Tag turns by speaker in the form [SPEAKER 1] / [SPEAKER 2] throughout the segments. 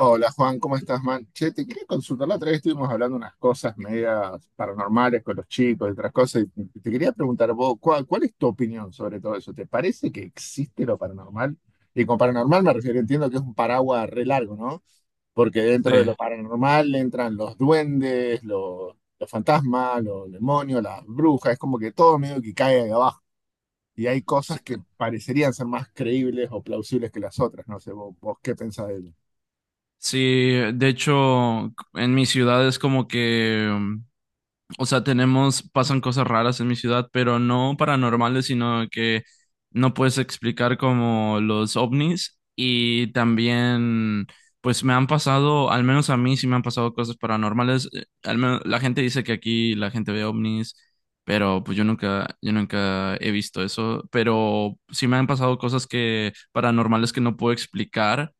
[SPEAKER 1] Hola Juan, ¿cómo estás, man? Che, te quería consultar. La otra vez estuvimos hablando unas cosas medias paranormales con los chicos y otras cosas. Y te quería preguntar vos, ¿cuál es tu opinión sobre todo eso? ¿Te parece que existe lo paranormal? Y con paranormal me refiero, entiendo que es un paraguas re largo, ¿no? Porque dentro de lo
[SPEAKER 2] Sí,
[SPEAKER 1] paranormal entran los duendes, los fantasmas, los demonios, las brujas, es como que todo medio que cae ahí abajo. Y hay
[SPEAKER 2] sí,
[SPEAKER 1] cosas que parecerían ser más creíbles o plausibles que las otras. No sé, vos qué pensás de eso.
[SPEAKER 2] sí, de hecho, en mi ciudad es como que, o sea, tenemos, pasan cosas raras en mi ciudad, pero no paranormales, sino que no puedes explicar como los ovnis y también, pues me han pasado, al menos a mí sí me han pasado cosas paranormales, al menos la gente dice que aquí la gente ve ovnis, pero pues yo nunca he visto eso, pero sí me han pasado cosas que paranormales que no puedo explicar.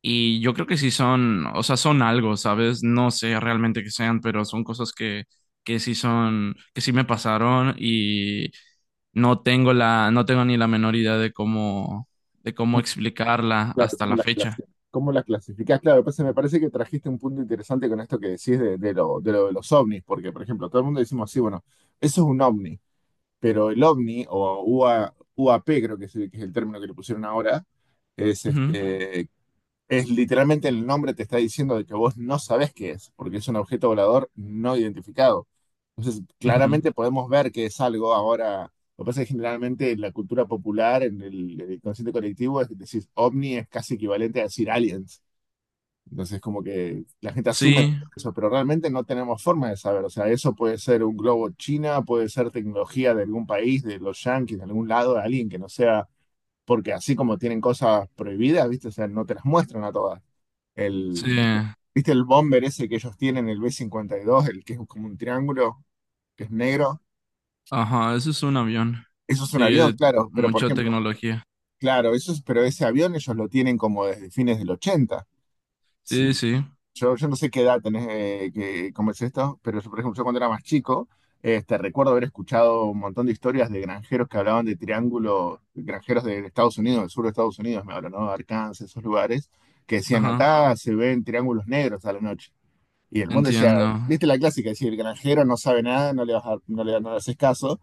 [SPEAKER 2] Y yo creo que sí son, o sea, son algo, ¿sabes? No sé realmente qué sean, pero son cosas que sí son, que sí me pasaron y no tengo ni la menor idea de cómo explicarla
[SPEAKER 1] Claro,
[SPEAKER 2] hasta la fecha.
[SPEAKER 1] cómo las clasificás? Claro, pues me parece que trajiste un punto interesante con esto que decís de lo de los ovnis, porque, por ejemplo, todo el mundo decimos, sí, bueno, eso es un ovni, pero el ovni, o UA UAP creo que es, que es el término que le pusieron ahora, es
[SPEAKER 2] Ujú,
[SPEAKER 1] este, es literalmente el nombre te está diciendo de que vos no sabés qué es, porque es un objeto volador no identificado. Entonces,
[SPEAKER 2] ujú.
[SPEAKER 1] claramente podemos ver que es algo ahora. Lo que pasa es que generalmente en la cultura popular, en el consciente colectivo, es decir ovni es casi equivalente a decir aliens. Entonces, como que la gente asume
[SPEAKER 2] Sí,
[SPEAKER 1] eso, pero realmente no tenemos forma de saber. O sea, eso puede ser un globo china, puede ser tecnología de algún país, de los yanquis, de algún lado, de alguien que no sea. Porque así como tienen cosas prohibidas, ¿viste? O sea, no te las muestran a todas. El,
[SPEAKER 2] sí,
[SPEAKER 1] ¿viste viste el bomber ese que ellos tienen, el B-52, el que es como un triángulo, que es negro?
[SPEAKER 2] ajá, eso es un avión.
[SPEAKER 1] Eso es un
[SPEAKER 2] Sí,
[SPEAKER 1] avión, claro, pero por
[SPEAKER 2] mucha
[SPEAKER 1] ejemplo,
[SPEAKER 2] tecnología.
[SPEAKER 1] claro, eso es, pero ese avión ellos lo tienen como desde fines del 80.
[SPEAKER 2] Sí,
[SPEAKER 1] Sí.
[SPEAKER 2] sí,
[SPEAKER 1] Yo no sé qué edad tenés, cómo es esto, pero yo, por ejemplo, yo cuando era más chico, este, recuerdo haber escuchado un montón de historias de granjeros que hablaban de triángulos, granjeros de Estados Unidos, del sur de Estados Unidos, me hablan, ¿no? Arkansas, esos lugares, que decían
[SPEAKER 2] ajá,
[SPEAKER 1] acá se ven triángulos negros a la noche. Y el mundo decía,
[SPEAKER 2] entiendo.
[SPEAKER 1] viste la clásica, decir, el granjero no sabe nada, no le, vas a- no le, no le haces caso,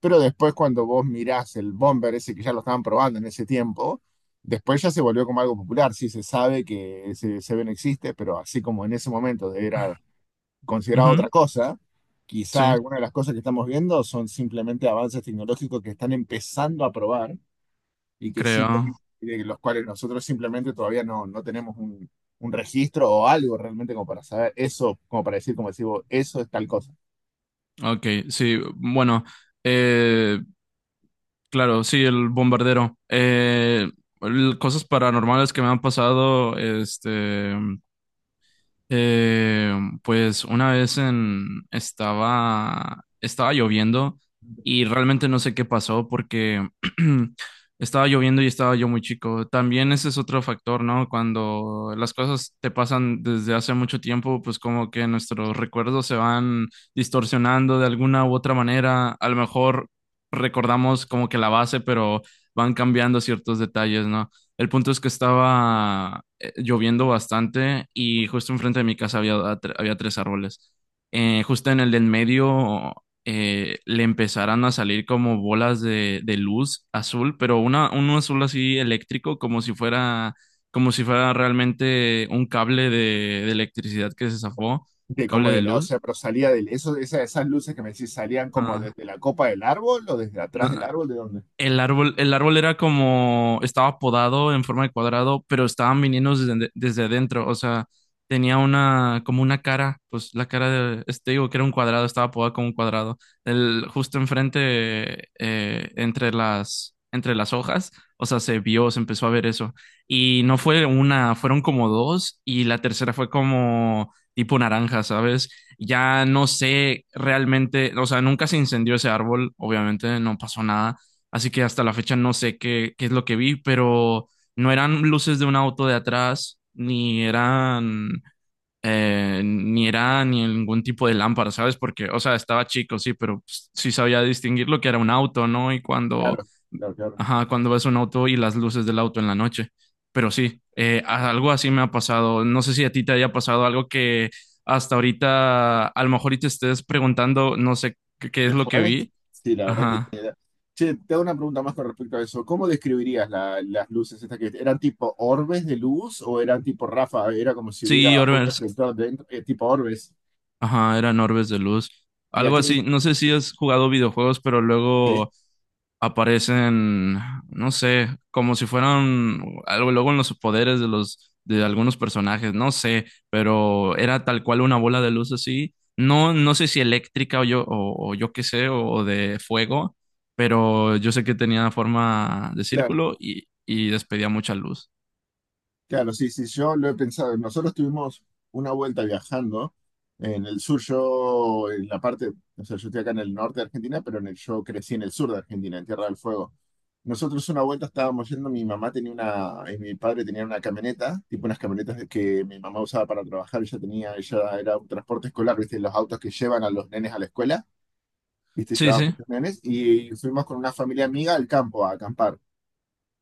[SPEAKER 1] pero después cuando vos mirás el bomber ese que ya lo estaban probando en ese tiempo, después ya se volvió como algo popular, sí se sabe que ese Seven existe, pero así como en ese momento era considerado
[SPEAKER 2] Ujú,
[SPEAKER 1] otra cosa, quizá
[SPEAKER 2] sí,
[SPEAKER 1] algunas de las cosas que estamos viendo son simplemente avances tecnológicos que están empezando a probar y que
[SPEAKER 2] creo.
[SPEAKER 1] simplemente, de los cuales nosotros simplemente todavía no tenemos un registro o algo realmente como para saber eso, como para decir, como decimos, eso es tal cosa.
[SPEAKER 2] Ok, sí, bueno. Eh, Claro, sí, el bombardero. Cosas paranormales que me han pasado, este. Eh, pues una vez en, estaba lloviendo y realmente no sé qué pasó porque estaba lloviendo y estaba yo muy chico. También ese es otro factor, ¿no? Cuando las cosas te pasan desde hace mucho tiempo, pues como que nuestros recuerdos se van distorsionando de alguna u otra manera. A lo mejor recordamos como que la base, pero van cambiando ciertos detalles, ¿no? El punto es que estaba lloviendo bastante y justo enfrente de mi casa había, había tres árboles. Justo en el del medio le empezaron a salir como bolas de luz azul, pero una, un azul así eléctrico, como si fuera realmente un cable de electricidad que se zafó, un
[SPEAKER 1] De, como
[SPEAKER 2] cable de
[SPEAKER 1] de, la- O
[SPEAKER 2] luz.
[SPEAKER 1] sea, pero salía esas luces que me decís, ¿salían como
[SPEAKER 2] Ajá.
[SPEAKER 1] desde la copa del árbol o desde atrás del
[SPEAKER 2] No,
[SPEAKER 1] árbol? ¿De dónde?
[SPEAKER 2] el árbol, el árbol era como, estaba podado en forma de cuadrado, pero estaban viniendo desde, desde adentro, o sea, tenía una, como una cara, pues la cara de, este digo que era un cuadrado, estaba podado como un cuadrado. El, justo enfrente, entre las hojas, o sea, se empezó a ver eso. Y no fue una, fueron como dos, y la tercera fue como tipo naranja, ¿sabes? Ya no sé realmente, o sea, nunca se incendió ese árbol, obviamente, no pasó nada. Así que hasta la fecha no sé qué, qué es lo que vi, pero no eran luces de un auto de atrás, ni eran, ni ningún tipo de lámpara, ¿sabes? Porque, o sea, estaba chico, sí, pero pues, sí sabía distinguir lo que era un auto, ¿no? Y cuando,
[SPEAKER 1] Claro, claro, claro.
[SPEAKER 2] ajá, cuando ves un auto y las luces del auto en la noche. Pero sí, algo así me ha pasado. No sé si a ti te haya pasado algo que hasta ahorita, a lo mejor y te estés preguntando, no sé qué, qué es
[SPEAKER 1] ¿Qué
[SPEAKER 2] lo que
[SPEAKER 1] fue?
[SPEAKER 2] vi.
[SPEAKER 1] Sí, la verdad
[SPEAKER 2] Ajá.
[SPEAKER 1] que... Che, te hago una pregunta más con respecto a eso. ¿Cómo describirías las luces estas que eran tipo orbes de luz o eran tipo ráfaga? Era como si hubiera
[SPEAKER 2] Sí,
[SPEAKER 1] un
[SPEAKER 2] Orbers.
[SPEAKER 1] reflector dentro, tipo orbes.
[SPEAKER 2] Ajá, eran orbes de luz.
[SPEAKER 1] ¿Y a
[SPEAKER 2] Algo
[SPEAKER 1] qué
[SPEAKER 2] así. No sé si has jugado videojuegos, pero
[SPEAKER 1] distancia?
[SPEAKER 2] luego aparecen, no sé, como si fueran algo luego en los poderes de los de algunos personajes, no sé, pero era tal cual una bola de luz así. No, no sé si eléctrica o yo qué sé, o de fuego, pero yo sé que tenía forma de
[SPEAKER 1] Claro.
[SPEAKER 2] círculo y despedía mucha luz.
[SPEAKER 1] Claro, sí, sí, yo lo he pensado. Nosotros tuvimos una vuelta viajando en el sur, yo en la parte, o sea, yo estoy acá en el norte de Argentina, pero yo crecí en el sur de Argentina, en Tierra del Fuego. Nosotros una vuelta estábamos yendo, mi mamá tenía una, y mi padre tenía una camioneta, tipo unas camionetas de que mi mamá usaba para trabajar, ella tenía, ella era un transporte escolar, viste, los autos que llevan a los nenes a la escuela, viste,
[SPEAKER 2] Sí,
[SPEAKER 1] llevaba
[SPEAKER 2] sí.
[SPEAKER 1] muchos nenes, y fuimos con una familia amiga al campo a acampar.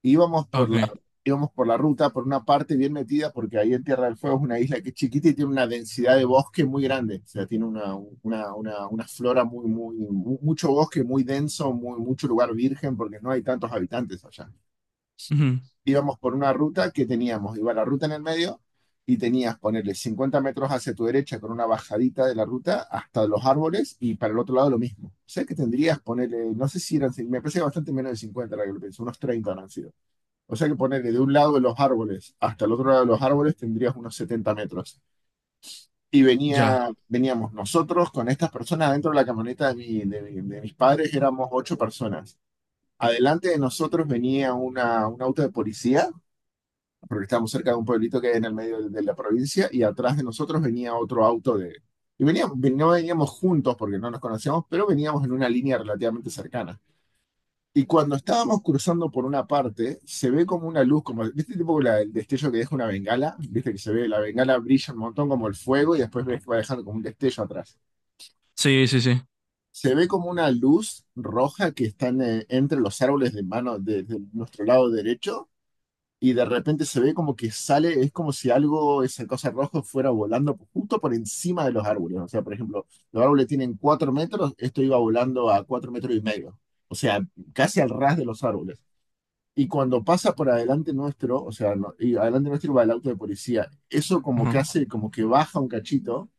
[SPEAKER 1] íbamos por la,
[SPEAKER 2] Ok.
[SPEAKER 1] íbamos por la ruta, por una parte bien metida, porque ahí en Tierra del Fuego es una isla que es chiquita y tiene una densidad de bosque muy grande. O sea, tiene una flora muy mucho bosque muy denso, muy, mucho lugar virgen, porque no hay tantos habitantes allá.
[SPEAKER 2] Ujú.
[SPEAKER 1] Íbamos por una ruta que teníamos, iba la ruta en el medio y tenías ponerle 50 metros hacia tu derecha con una bajadita de la ruta hasta los árboles y para el otro lado lo mismo. O sea que tendrías ponerle, no sé si eran, me parece que bastante menos de 50 la que lo pienso unos 30 han sido. O sea que ponerle de un lado de los árboles hasta el otro lado de los árboles tendrías unos 70 metros. Y
[SPEAKER 2] Ya.
[SPEAKER 1] venía, veníamos nosotros con estas personas dentro de la camioneta de mis padres, éramos ocho personas. Adelante de nosotros venía un auto de policía, porque estábamos cerca de un pueblito que hay en el medio de la provincia, y atrás de nosotros venía otro auto de... Y veníamos, no veníamos juntos porque no nos conocíamos, pero veníamos en una línea relativamente cercana. Y cuando estábamos cruzando por una parte, se ve como una luz, como, ¿viste tipo el destello que deja una bengala? ¿Viste que se ve? La bengala brilla un montón como el fuego y después ves que va dejando como un destello atrás.
[SPEAKER 2] Sí, sí, sí.
[SPEAKER 1] Se ve como una luz roja que está en, entre los árboles de mano de nuestro lado derecho y de repente se ve como que sale, es como si algo, esa cosa roja fuera volando justo por encima de los árboles. O sea, por ejemplo, los árboles tienen 4 metros, esto iba volando a 4 metros y medio. O sea, casi al ras de los árboles. Y cuando pasa por adelante nuestro, o sea, y adelante nuestro va el auto de policía, eso como que
[SPEAKER 2] Ajá.
[SPEAKER 1] hace, como que baja un cachito,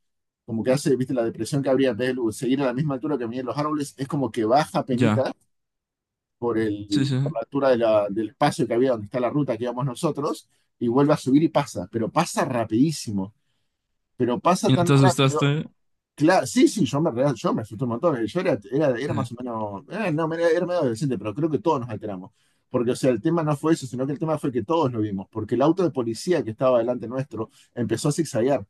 [SPEAKER 1] como que hace, viste, la depresión que habría en vez de seguir a la misma altura que venían los árboles, es como que baja penita
[SPEAKER 2] Ya.
[SPEAKER 1] por
[SPEAKER 2] Sí,
[SPEAKER 1] el,
[SPEAKER 2] sí.
[SPEAKER 1] por la altura de del espacio que había donde está la ruta que íbamos nosotros, y vuelve a subir y pasa, pero pasa rapidísimo, pero pasa
[SPEAKER 2] ¿Y no
[SPEAKER 1] tan
[SPEAKER 2] te
[SPEAKER 1] rápido.
[SPEAKER 2] asustaste?
[SPEAKER 1] Claro, sí, sí, yo me asusté un montón. Yo era más
[SPEAKER 2] Ya,
[SPEAKER 1] o menos, no, era medio adolescente, pero creo que todos nos alteramos. Porque, o sea, el tema no fue eso, sino que el tema fue que todos lo vimos, porque el auto de policía que estaba delante nuestro empezó a zigzaguear.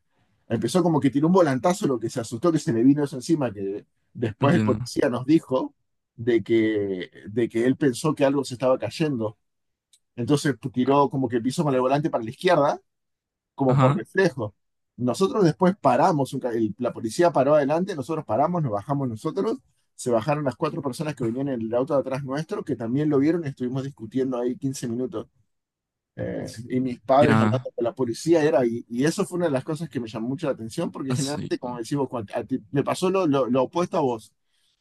[SPEAKER 1] Empezó como que tiró un volantazo, lo que se asustó que se le vino eso encima, que después el
[SPEAKER 2] entiendo.
[SPEAKER 1] policía nos dijo de que él pensó que algo se estaba cayendo. Entonces pues,
[SPEAKER 2] A-
[SPEAKER 1] tiró como que pisó con el volante para la izquierda como por
[SPEAKER 2] ajá,
[SPEAKER 1] reflejo. Nosotros después paramos, la policía paró adelante, nosotros paramos, nos bajamos nosotros, se bajaron las cuatro personas que venían en el auto de atrás nuestro, que también lo vieron y estuvimos discutiendo ahí 15 minutos. Y mis padres
[SPEAKER 2] ya.
[SPEAKER 1] hablando con la policía era, y eso fue una de las cosas que me llamó mucho la atención, porque
[SPEAKER 2] Así.
[SPEAKER 1] generalmente, como decimos, cuando me pasó lo opuesto a vos.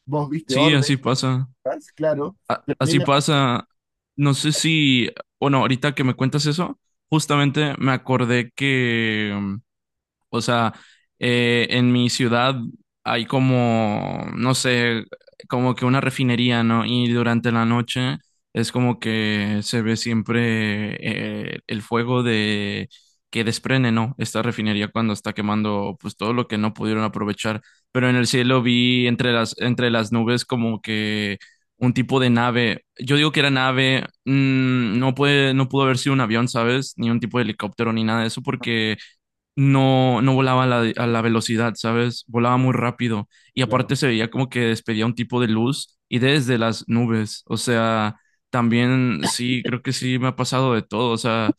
[SPEAKER 1] Vos viste
[SPEAKER 2] Sí,
[SPEAKER 1] órdenes,
[SPEAKER 2] así pasa.
[SPEAKER 1] claro,
[SPEAKER 2] A-
[SPEAKER 1] pero a mí
[SPEAKER 2] así
[SPEAKER 1] me pasó,
[SPEAKER 2] pasa. No sé si, bueno, ahorita que me cuentas eso, justamente me acordé que o sea, en mi ciudad hay como, no sé, como que una refinería, ¿no? Y durante la noche es como que se ve siempre el fuego de que desprende, ¿no? Esta refinería cuando está quemando, pues todo lo que no pudieron aprovechar. Pero en el cielo vi entre las nubes como que un tipo de nave. Yo digo que era nave, no pudo haber sido un avión, ¿sabes? Ni un tipo de helicóptero ni nada de eso porque no, no volaba a la velocidad, ¿sabes? Volaba muy rápido y
[SPEAKER 1] claro.
[SPEAKER 2] aparte se veía como que despedía un tipo de luz y desde las nubes, o sea, también sí, creo que sí me ha pasado de todo, o sea,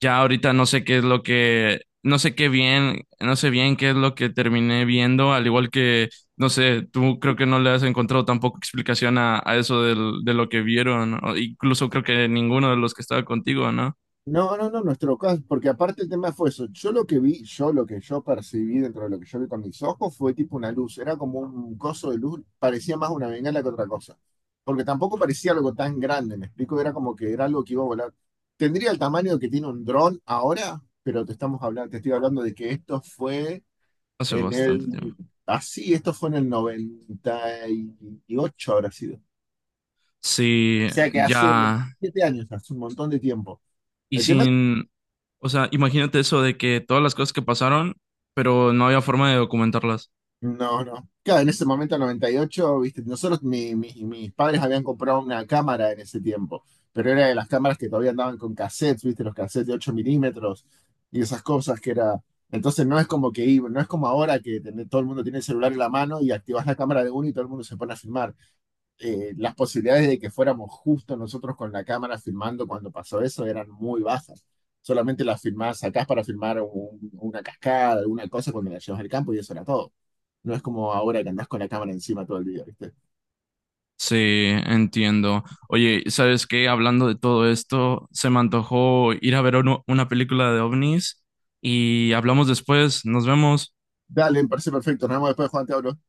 [SPEAKER 2] ya ahorita no sé qué es lo que, no sé qué bien, no sé bien qué es lo que terminé viendo, al igual que, no sé, tú creo que no le has encontrado tampoco explicación a eso de lo que vieron, ¿no? Incluso creo que ninguno de los que estaba contigo, ¿no?
[SPEAKER 1] No, no, no, nuestro caso, porque aparte el tema fue eso. Yo lo que vi, yo lo que yo percibí dentro de lo que yo vi con mis ojos fue tipo una luz, era como un coso de luz, parecía más una bengala que otra cosa. Porque tampoco parecía algo tan grande, me explico, era como que era algo que iba a volar. Tendría el tamaño que tiene un dron ahora, pero te estoy hablando de que esto fue
[SPEAKER 2] Hace
[SPEAKER 1] en
[SPEAKER 2] bastante tiempo.
[SPEAKER 1] el, en el 98, habrá sido. O
[SPEAKER 2] Sí,
[SPEAKER 1] sea que hace
[SPEAKER 2] ya.
[SPEAKER 1] 27 años, hace un montón de tiempo.
[SPEAKER 2] Y
[SPEAKER 1] El tema.
[SPEAKER 2] sin, o sea, imagínate eso de que todas las cosas que pasaron, pero no había forma de documentarlas.
[SPEAKER 1] No, no. Claro, en ese momento, 98, viste, nosotros, mis padres habían comprado una cámara en ese tiempo, pero era de las cámaras que todavía andaban con cassettes, viste, los cassettes de 8 milímetros y esas cosas que era... Entonces no es como que, no es como ahora que todo el mundo tiene el celular en la mano y activas la cámara de uno y todo el mundo se pone a filmar. Las posibilidades de que fuéramos justo nosotros con la cámara filmando cuando pasó eso eran muy bajas. Solamente las filmás, sacás para filmar una cascada, alguna cosa cuando la llevas al campo y eso era todo. No es como ahora que andás con la cámara encima todo el día, ¿viste?
[SPEAKER 2] Sí, entiendo. Oye, ¿sabes qué? Hablando de todo esto, se me antojó ir a ver una película de ovnis y hablamos después. Nos vemos.
[SPEAKER 1] Dale, me parece perfecto. Nos vemos después, Juan, te hablo.